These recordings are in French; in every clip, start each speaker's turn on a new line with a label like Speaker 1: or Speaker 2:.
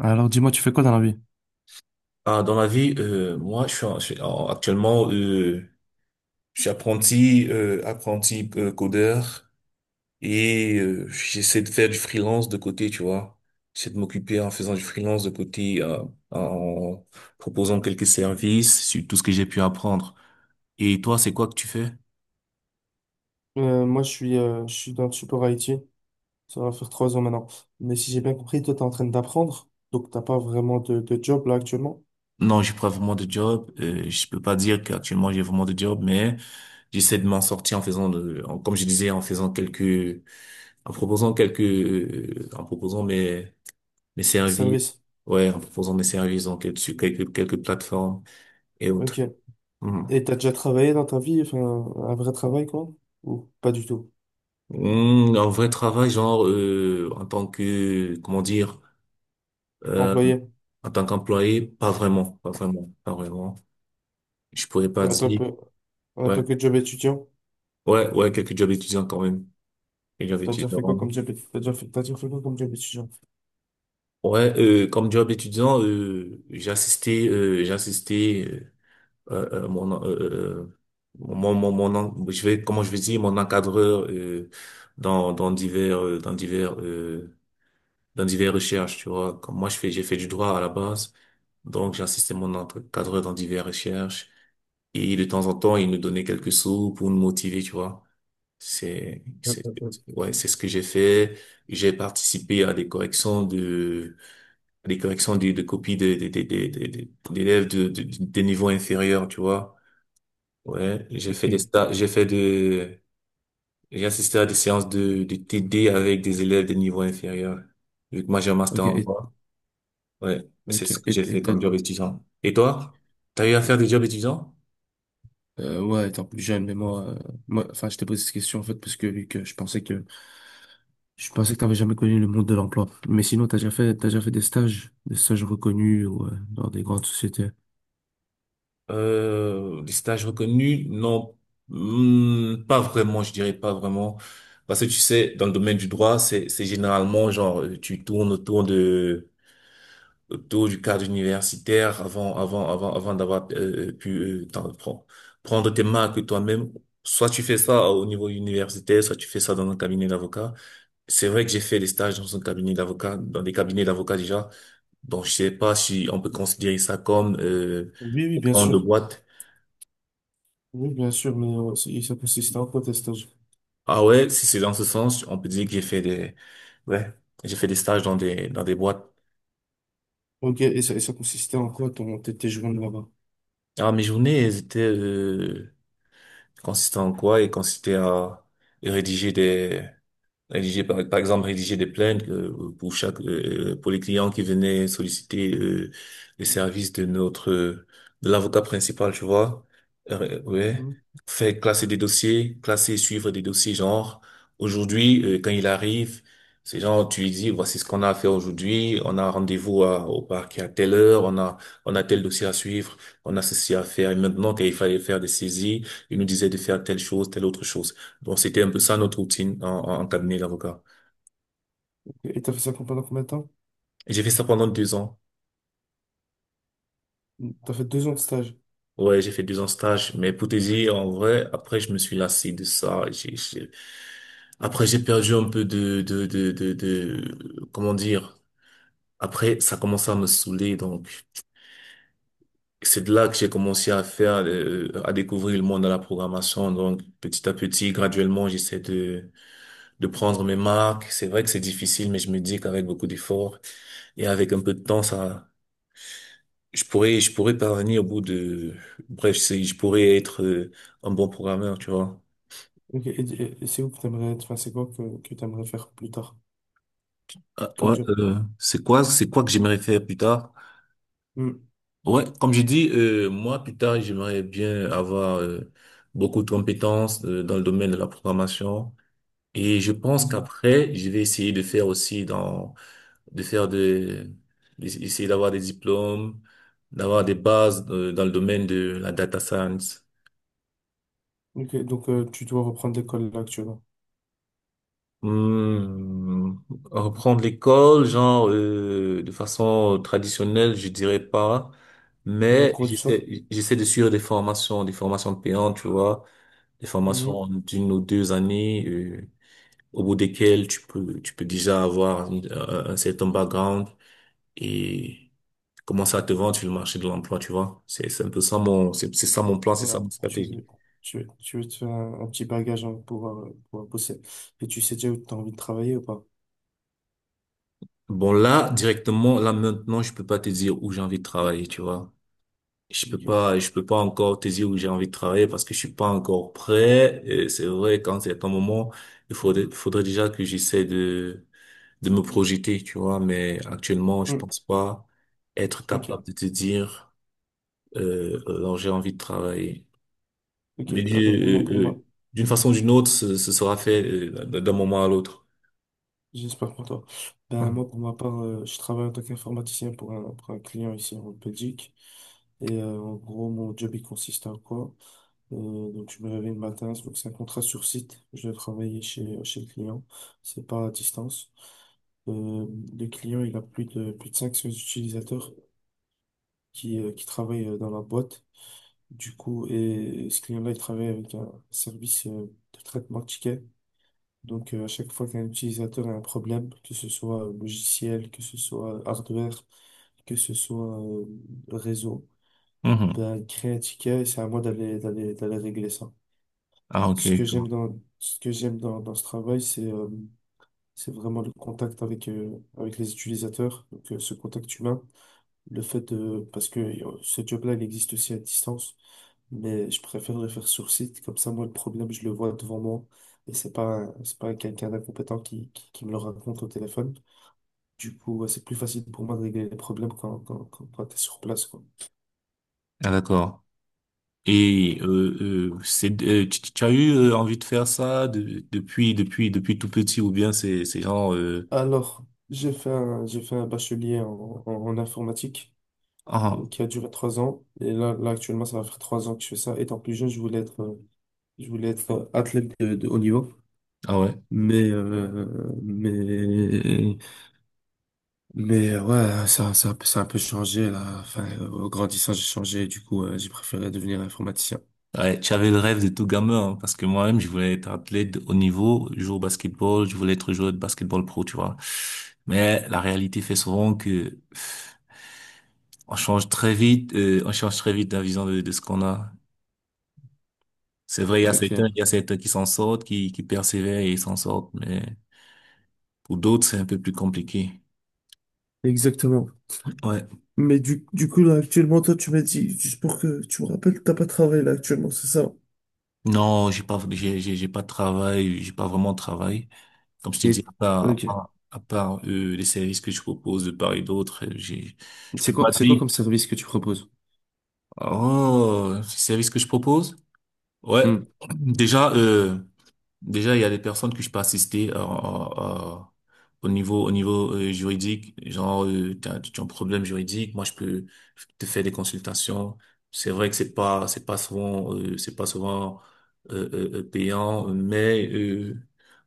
Speaker 1: Alors dis-moi, tu fais quoi dans la vie?
Speaker 2: Ah, dans la vie, moi, actuellement, je suis apprenti, apprenti codeur et j'essaie de faire du freelance de côté, tu vois. J'essaie de m'occuper en faisant du freelance de côté, en proposant quelques services sur tout ce que j'ai pu apprendre. Et toi, c'est quoi que tu fais?
Speaker 1: Moi, je suis dans le support IT. Ça va faire 3 ans maintenant. Mais si j'ai bien compris, toi, t'es en train d'apprendre. Donc, t'as pas vraiment de job là actuellement.
Speaker 2: Non, j'ai pas vraiment de job. Je peux pas dire qu'actuellement j'ai vraiment de job, mais j'essaie de m'en sortir en faisant, comme je disais, en faisant en proposant en proposant mes services,
Speaker 1: Service.
Speaker 2: ouais, en proposant mes services donc et dessus quelques plateformes et
Speaker 1: Ok.
Speaker 2: autres. Mhm.
Speaker 1: Et t'as déjà travaillé dans ta vie, enfin, un vrai travail, quoi? Ou pas du tout?
Speaker 2: Mm, un vrai travail, en tant que comment dire, euh,
Speaker 1: Employé.
Speaker 2: en tant qu'employé, pas vraiment. Je pourrais pas
Speaker 1: En tant
Speaker 2: dire,
Speaker 1: que, en
Speaker 2: ouais,
Speaker 1: tant que job étudiant,
Speaker 2: ouais, quelques jobs étudiants quand même, quelques jobs
Speaker 1: t'as déjà fait quoi
Speaker 2: étudiants.
Speaker 1: comme job, t'as déjà fait quoi comme job étudiant?
Speaker 2: Ouais, comme job étudiant, j'ai assisté mon, euh, mon, mon, mon, en- je vais, comment je vais dire, mon encadreur dans, dans divers, dans divers, dans divers recherches, tu vois. Comme moi, j'ai fait du droit à la base, donc j'ai mon encadreur dans divers recherches. Et de temps en temps, il nous donnait quelques sous pour nous motiver, tu vois. C'est,
Speaker 1: Euh,
Speaker 2: c'est,
Speaker 1: euh,
Speaker 2: ouais, c'est ce que j'ai fait. J'ai participé à des corrections de, à des corrections de copies des d'élèves des niveaux inférieurs, tu vois. Ouais, j'ai fait
Speaker 1: euh,
Speaker 2: des stages, j'ai assisté à des séances de TD avec des élèves de niveau inférieur. Vu que moi j'ai un
Speaker 1: Ok,
Speaker 2: master
Speaker 1: ok,
Speaker 2: en droit, ouais, c'est
Speaker 1: ok,
Speaker 2: ce que
Speaker 1: et,
Speaker 2: j'ai
Speaker 1: et
Speaker 2: fait comme job étudiant. Et toi? T'as eu à faire
Speaker 1: et,
Speaker 2: des jobs étudiants?
Speaker 1: ouais, étant plus jeune, mais moi, enfin, je t'ai posé cette question, en fait, parce que vu que je pensais que t'avais jamais connu le monde de l'emploi. Mais sinon, t'as déjà fait des stages reconnus ou dans des grandes sociétés.
Speaker 2: Des stages reconnus? Non. Hmm, pas vraiment, je dirais pas vraiment. Parce que tu sais, dans le domaine du droit, c'est généralement genre, tu tournes autour du cadre universitaire avant d'avoir pu euh, t'en- pre- prendre tes marques toi-même. Soit tu fais ça au niveau universitaire, soit tu fais ça dans un cabinet d'avocat. C'est vrai que j'ai fait des stages dans un cabinet d'avocat, dans des cabinets d'avocats déjà. Donc, je sais pas si on peut considérer ça comme
Speaker 1: Oui, oui, bien
Speaker 2: en de
Speaker 1: sûr.
Speaker 2: boîte.
Speaker 1: Oui, bien sûr, mais et ça consistait en quoi tes stages?
Speaker 2: Ah ouais, si c'est dans ce sens, on peut dire que ouais, j'ai fait des stages dans des boîtes.
Speaker 1: Ok, et ça consistait en quoi tes journées là-bas?
Speaker 2: Ah, mes journées, elles étaient consistaient en quoi? Elles consistaient à rédiger des Rédiger par, par exemple rédiger des plaintes pour les clients qui venaient solliciter les services de notre de l'avocat principal, tu vois. Ouais,
Speaker 1: Hmm.
Speaker 2: faire classer des dossiers, classer, suivre des dossiers genre aujourd'hui quand il arrive, c'est genre tu lui dis voici ce qu'on a à faire aujourd'hui, on a rendez-vous au parquet à telle heure, on a tel dossier à suivre, on a ceci à faire et maintenant qu'il fallait faire des saisies, il nous disait de faire telle chose, telle autre chose. Donc, c'était un peu ça notre routine en cabinet d'avocat.
Speaker 1: Ok, et t'as fait ça pendant combien de temps?
Speaker 2: Et j'ai fait ça pendant 2 ans.
Speaker 1: T'as fait 2 ans de stage.
Speaker 2: Ouais, j'ai fait 2 ans de stage. Mais pour te dire, en vrai, après, je me suis lassé de ça. Après, j'ai perdu un peu comment dire. Après, ça commençait à me saouler. Donc, c'est de là que j'ai commencé à faire, à découvrir le monde de la programmation. Donc, petit à petit, graduellement, de prendre mes marques. C'est vrai que c'est difficile, mais je me dis qu'avec beaucoup d'efforts et avec un peu de temps, je je pourrais parvenir au bout de, je pourrais être un bon programmeur, tu vois.
Speaker 1: Ok, et c'est où que t'aimerais être? Enfin, c'est quoi que t'aimerais faire plus tard
Speaker 2: Ah,
Speaker 1: comme
Speaker 2: ouais,
Speaker 1: job?
Speaker 2: c'est quoi que j'aimerais faire plus tard?
Speaker 1: Hmm.
Speaker 2: Ouais, comme j'ai dit, moi, plus tard, j'aimerais bien avoir beaucoup de compétences dans le domaine de la programmation. Et je pense
Speaker 1: Mhm.
Speaker 2: qu'après, je vais essayer de faire aussi dans, de faire de, d'essayer d'avoir des diplômes, d'avoir des bases dans le domaine de la data science.
Speaker 1: Ok, donc tu dois reprendre l'école là actuellement.
Speaker 2: Hmm, reprendre l'école, de façon traditionnelle, je dirais pas,
Speaker 1: Ou au
Speaker 2: mais
Speaker 1: cours du soir?
Speaker 2: j'essaie de suivre des formations payantes, tu vois, des formations
Speaker 1: Hmm.
Speaker 2: d'une ou 2 années, au bout desquelles tu peux déjà avoir un certain background et commencer à te vendre sur le marché de l'emploi, tu vois. C'est ça mon plan, c'est ça
Speaker 1: Voilà,
Speaker 2: ma
Speaker 1: tu
Speaker 2: stratégie.
Speaker 1: veux, tu, veux tu veux te faire un petit bagage hein, pour bosser. Et tu sais déjà où tu as envie de travailler ou pas?
Speaker 2: Bon là directement là maintenant je peux pas te dire où j'ai envie de travailler, tu vois.
Speaker 1: Ok.
Speaker 2: Je peux pas encore te dire où j'ai envie de travailler parce que je suis pas encore prêt. Et c'est vrai, quand c'est un moment, faudrait déjà que de me projeter, tu vois. Mais actuellement, je
Speaker 1: Hmm,
Speaker 2: pense pas être capable
Speaker 1: ok.
Speaker 2: de te dire, alors j'ai envie de travailler.
Speaker 1: Ok.
Speaker 2: Mais
Speaker 1: Ah ben pour moi, pour
Speaker 2: euh,
Speaker 1: moi,
Speaker 2: euh, d'une façon ou d'une autre, ce sera fait d'un moment à l'autre.
Speaker 1: j'espère pour toi. Ben
Speaker 2: Mhm.
Speaker 1: moi, pour ma part, je travaille en tant qu'informaticien pour un client ici en Belgique. Et en gros, mon job, il consiste à quoi? Donc, je me réveille le matin. Donc, c'est un contrat sur site. Je vais travailler chez le client. C'est pas à distance. Euh, le client, il a plus de 500 utilisateurs qui travaille dans la boîte. Du coup, et ce client-là, il travaille avec un service de traitement de tickets. Donc, à chaque fois qu'un utilisateur a un problème, que ce soit logiciel, que ce soit hardware, que ce soit réseau,
Speaker 2: Mhm.
Speaker 1: ben, il crée un ticket et c'est à moi d'aller régler ça.
Speaker 2: Ah, ok.
Speaker 1: Ce que
Speaker 2: Je vois.
Speaker 1: j'aime dans, ce que j'aime dans ce travail, c'est vraiment le contact avec les utilisateurs, donc ce contact humain. Parce que ce job-là, il existe aussi à distance. Mais je préférerais faire sur site. Comme ça, moi, le problème, je le vois devant moi. Et c'est pas quelqu'un d'incompétent qui me le raconte au téléphone. Du coup, ouais, c'est plus facile pour moi de régler les problèmes quand t'es sur place, quoi.
Speaker 2: Ah, d'accord. Et tu as eu envie de faire ça depuis tout petit ou bien c'est genre
Speaker 1: Alors, j'ai fait un bachelier en informatique
Speaker 2: ah
Speaker 1: qui a duré 3 ans. Et là, actuellement, ça va faire trois ans que je fais ça. Étant plus jeune, je voulais être athlète de haut niveau.
Speaker 2: ah ouais
Speaker 1: Mais, euh, mais Mais, ouais, ça a un peu changé là. Enfin, au grandissant, j'ai changé. Du coup, j'ai préféré devenir informaticien.
Speaker 2: ouais tu avais le rêve de tout gamin hein, parce que moi-même je voulais être athlète de haut niveau jouer au basketball je voulais être joueur de basketball pro tu vois, mais la réalité fait souvent que pff, on change très vite on change très vite la vision de ce qu'on a. C'est vrai
Speaker 1: Ok.
Speaker 2: il y a certains qui s'en sortent qui persévèrent et ils s'en sortent, mais pour d'autres c'est un peu plus compliqué.
Speaker 1: Exactement.
Speaker 2: Ouais.
Speaker 1: Mais du coup, là, actuellement, toi, tu m'as dit, juste pour que tu me rappelles, t'as pas travaillé là actuellement, c'est ça?
Speaker 2: Non, j'ai pas de travail, j'ai pas vraiment de travail. Comme je t'ai dit,
Speaker 1: Et... Ok.
Speaker 2: à part les services que je propose de part et d'autre, je
Speaker 1: C'est
Speaker 2: peux
Speaker 1: quoi,
Speaker 2: pas
Speaker 1: c'est quoi
Speaker 2: dire.
Speaker 1: comme service que tu proposes?
Speaker 2: Oh, les services que je propose? Ouais.
Speaker 1: Hmm.
Speaker 2: Déjà, euh, Déjà, il y a des personnes que je peux assister au niveau juridique. Tu as un problème juridique, moi je peux te faire des consultations. C'est vrai que c'est pas souvent payant, mais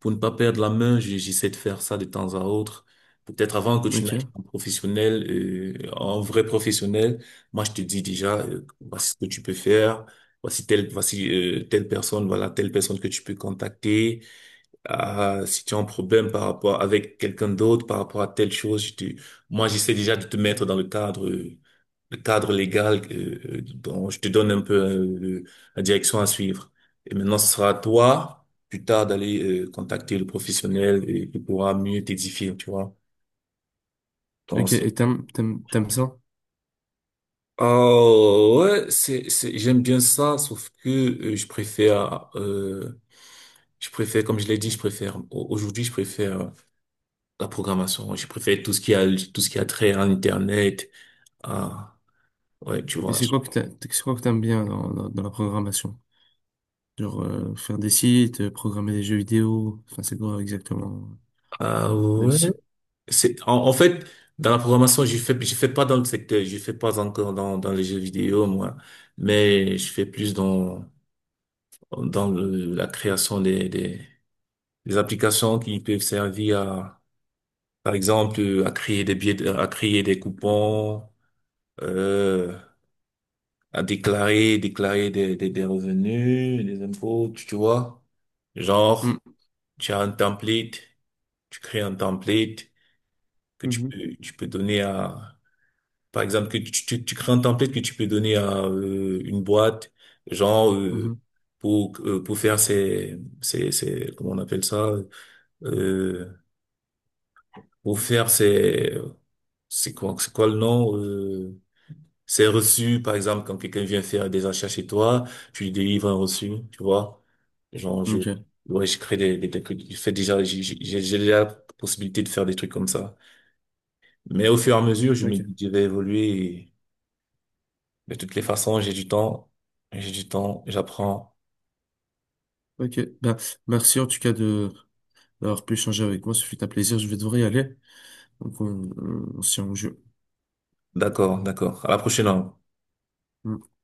Speaker 2: pour ne pas perdre la main, j'essaie de faire ça de temps à autre. Peut-être avant que tu
Speaker 1: Ok.
Speaker 2: n'ailles en professionnel, en vrai professionnel, moi je te dis déjà voici ce que tu peux faire, voici voilà telle personne que tu peux contacter. Ah, si tu as un problème par rapport avec quelqu'un d'autre, par rapport à telle chose, moi j'essaie déjà de te mettre dans le cadre, le cadre légal, dont je te donne un peu la direction à suivre. Et maintenant, ce sera à toi plus tard d'aller contacter le professionnel et il pourra mieux t'édifier, tu vois. Donc,
Speaker 1: Ok. Et t'aimes ça?
Speaker 2: oh, ouais, j'aime bien ça, sauf que comme je l'ai dit, aujourd'hui, je préfère la programmation. Je préfère tout ce qui a trait à Internet. Ah, ouais, tu
Speaker 1: Et
Speaker 2: vois.
Speaker 1: c'est quoi que t'aimes bien dans la programmation? Genre faire des sites, programmer des jeux vidéo, enfin c'est quoi exactement
Speaker 2: Ah,
Speaker 1: la
Speaker 2: ouais.
Speaker 1: discipline?
Speaker 2: C'est, en fait, dans la programmation, je fais pas dans le secteur, je fais pas encore dans les jeux vidéo, moi, mais je fais plus dans la création des applications qui peuvent servir. Par exemple, à créer des billets, à créer des coupons, euh, déclarer des revenus, des impôts, tu vois. Genre, tu as un template, tu crées un template que
Speaker 1: Mhm.
Speaker 2: tu peux donner à, par exemple, tu crées un template que tu peux donner à une boîte, genre, euh,
Speaker 1: Mhm.
Speaker 2: pour faire ses, comment on appelle ça, euh, pour faire ses, c'est quoi le nom, c'est reçu, par exemple, quand quelqu'un vient faire des achats chez toi, tu lui délivres un reçu, tu vois. Genre, je,
Speaker 1: Ok,
Speaker 2: ouais, je crée des trucs. Je fais déjà, j'ai déjà la possibilité de faire des trucs comme ça. Mais au fur et à mesure, je me
Speaker 1: ok,
Speaker 2: dis que je vais évoluer et de toutes les façons, j'ai du temps, j'apprends.
Speaker 1: ok. Ben, merci en tout cas de d'avoir pu échanger avec moi. Ce fut un plaisir. Je vais devoir y aller. Donc on se tient au jeu.
Speaker 2: D'accord, d'accord. À la prochaine alors.
Speaker 1: Hmm.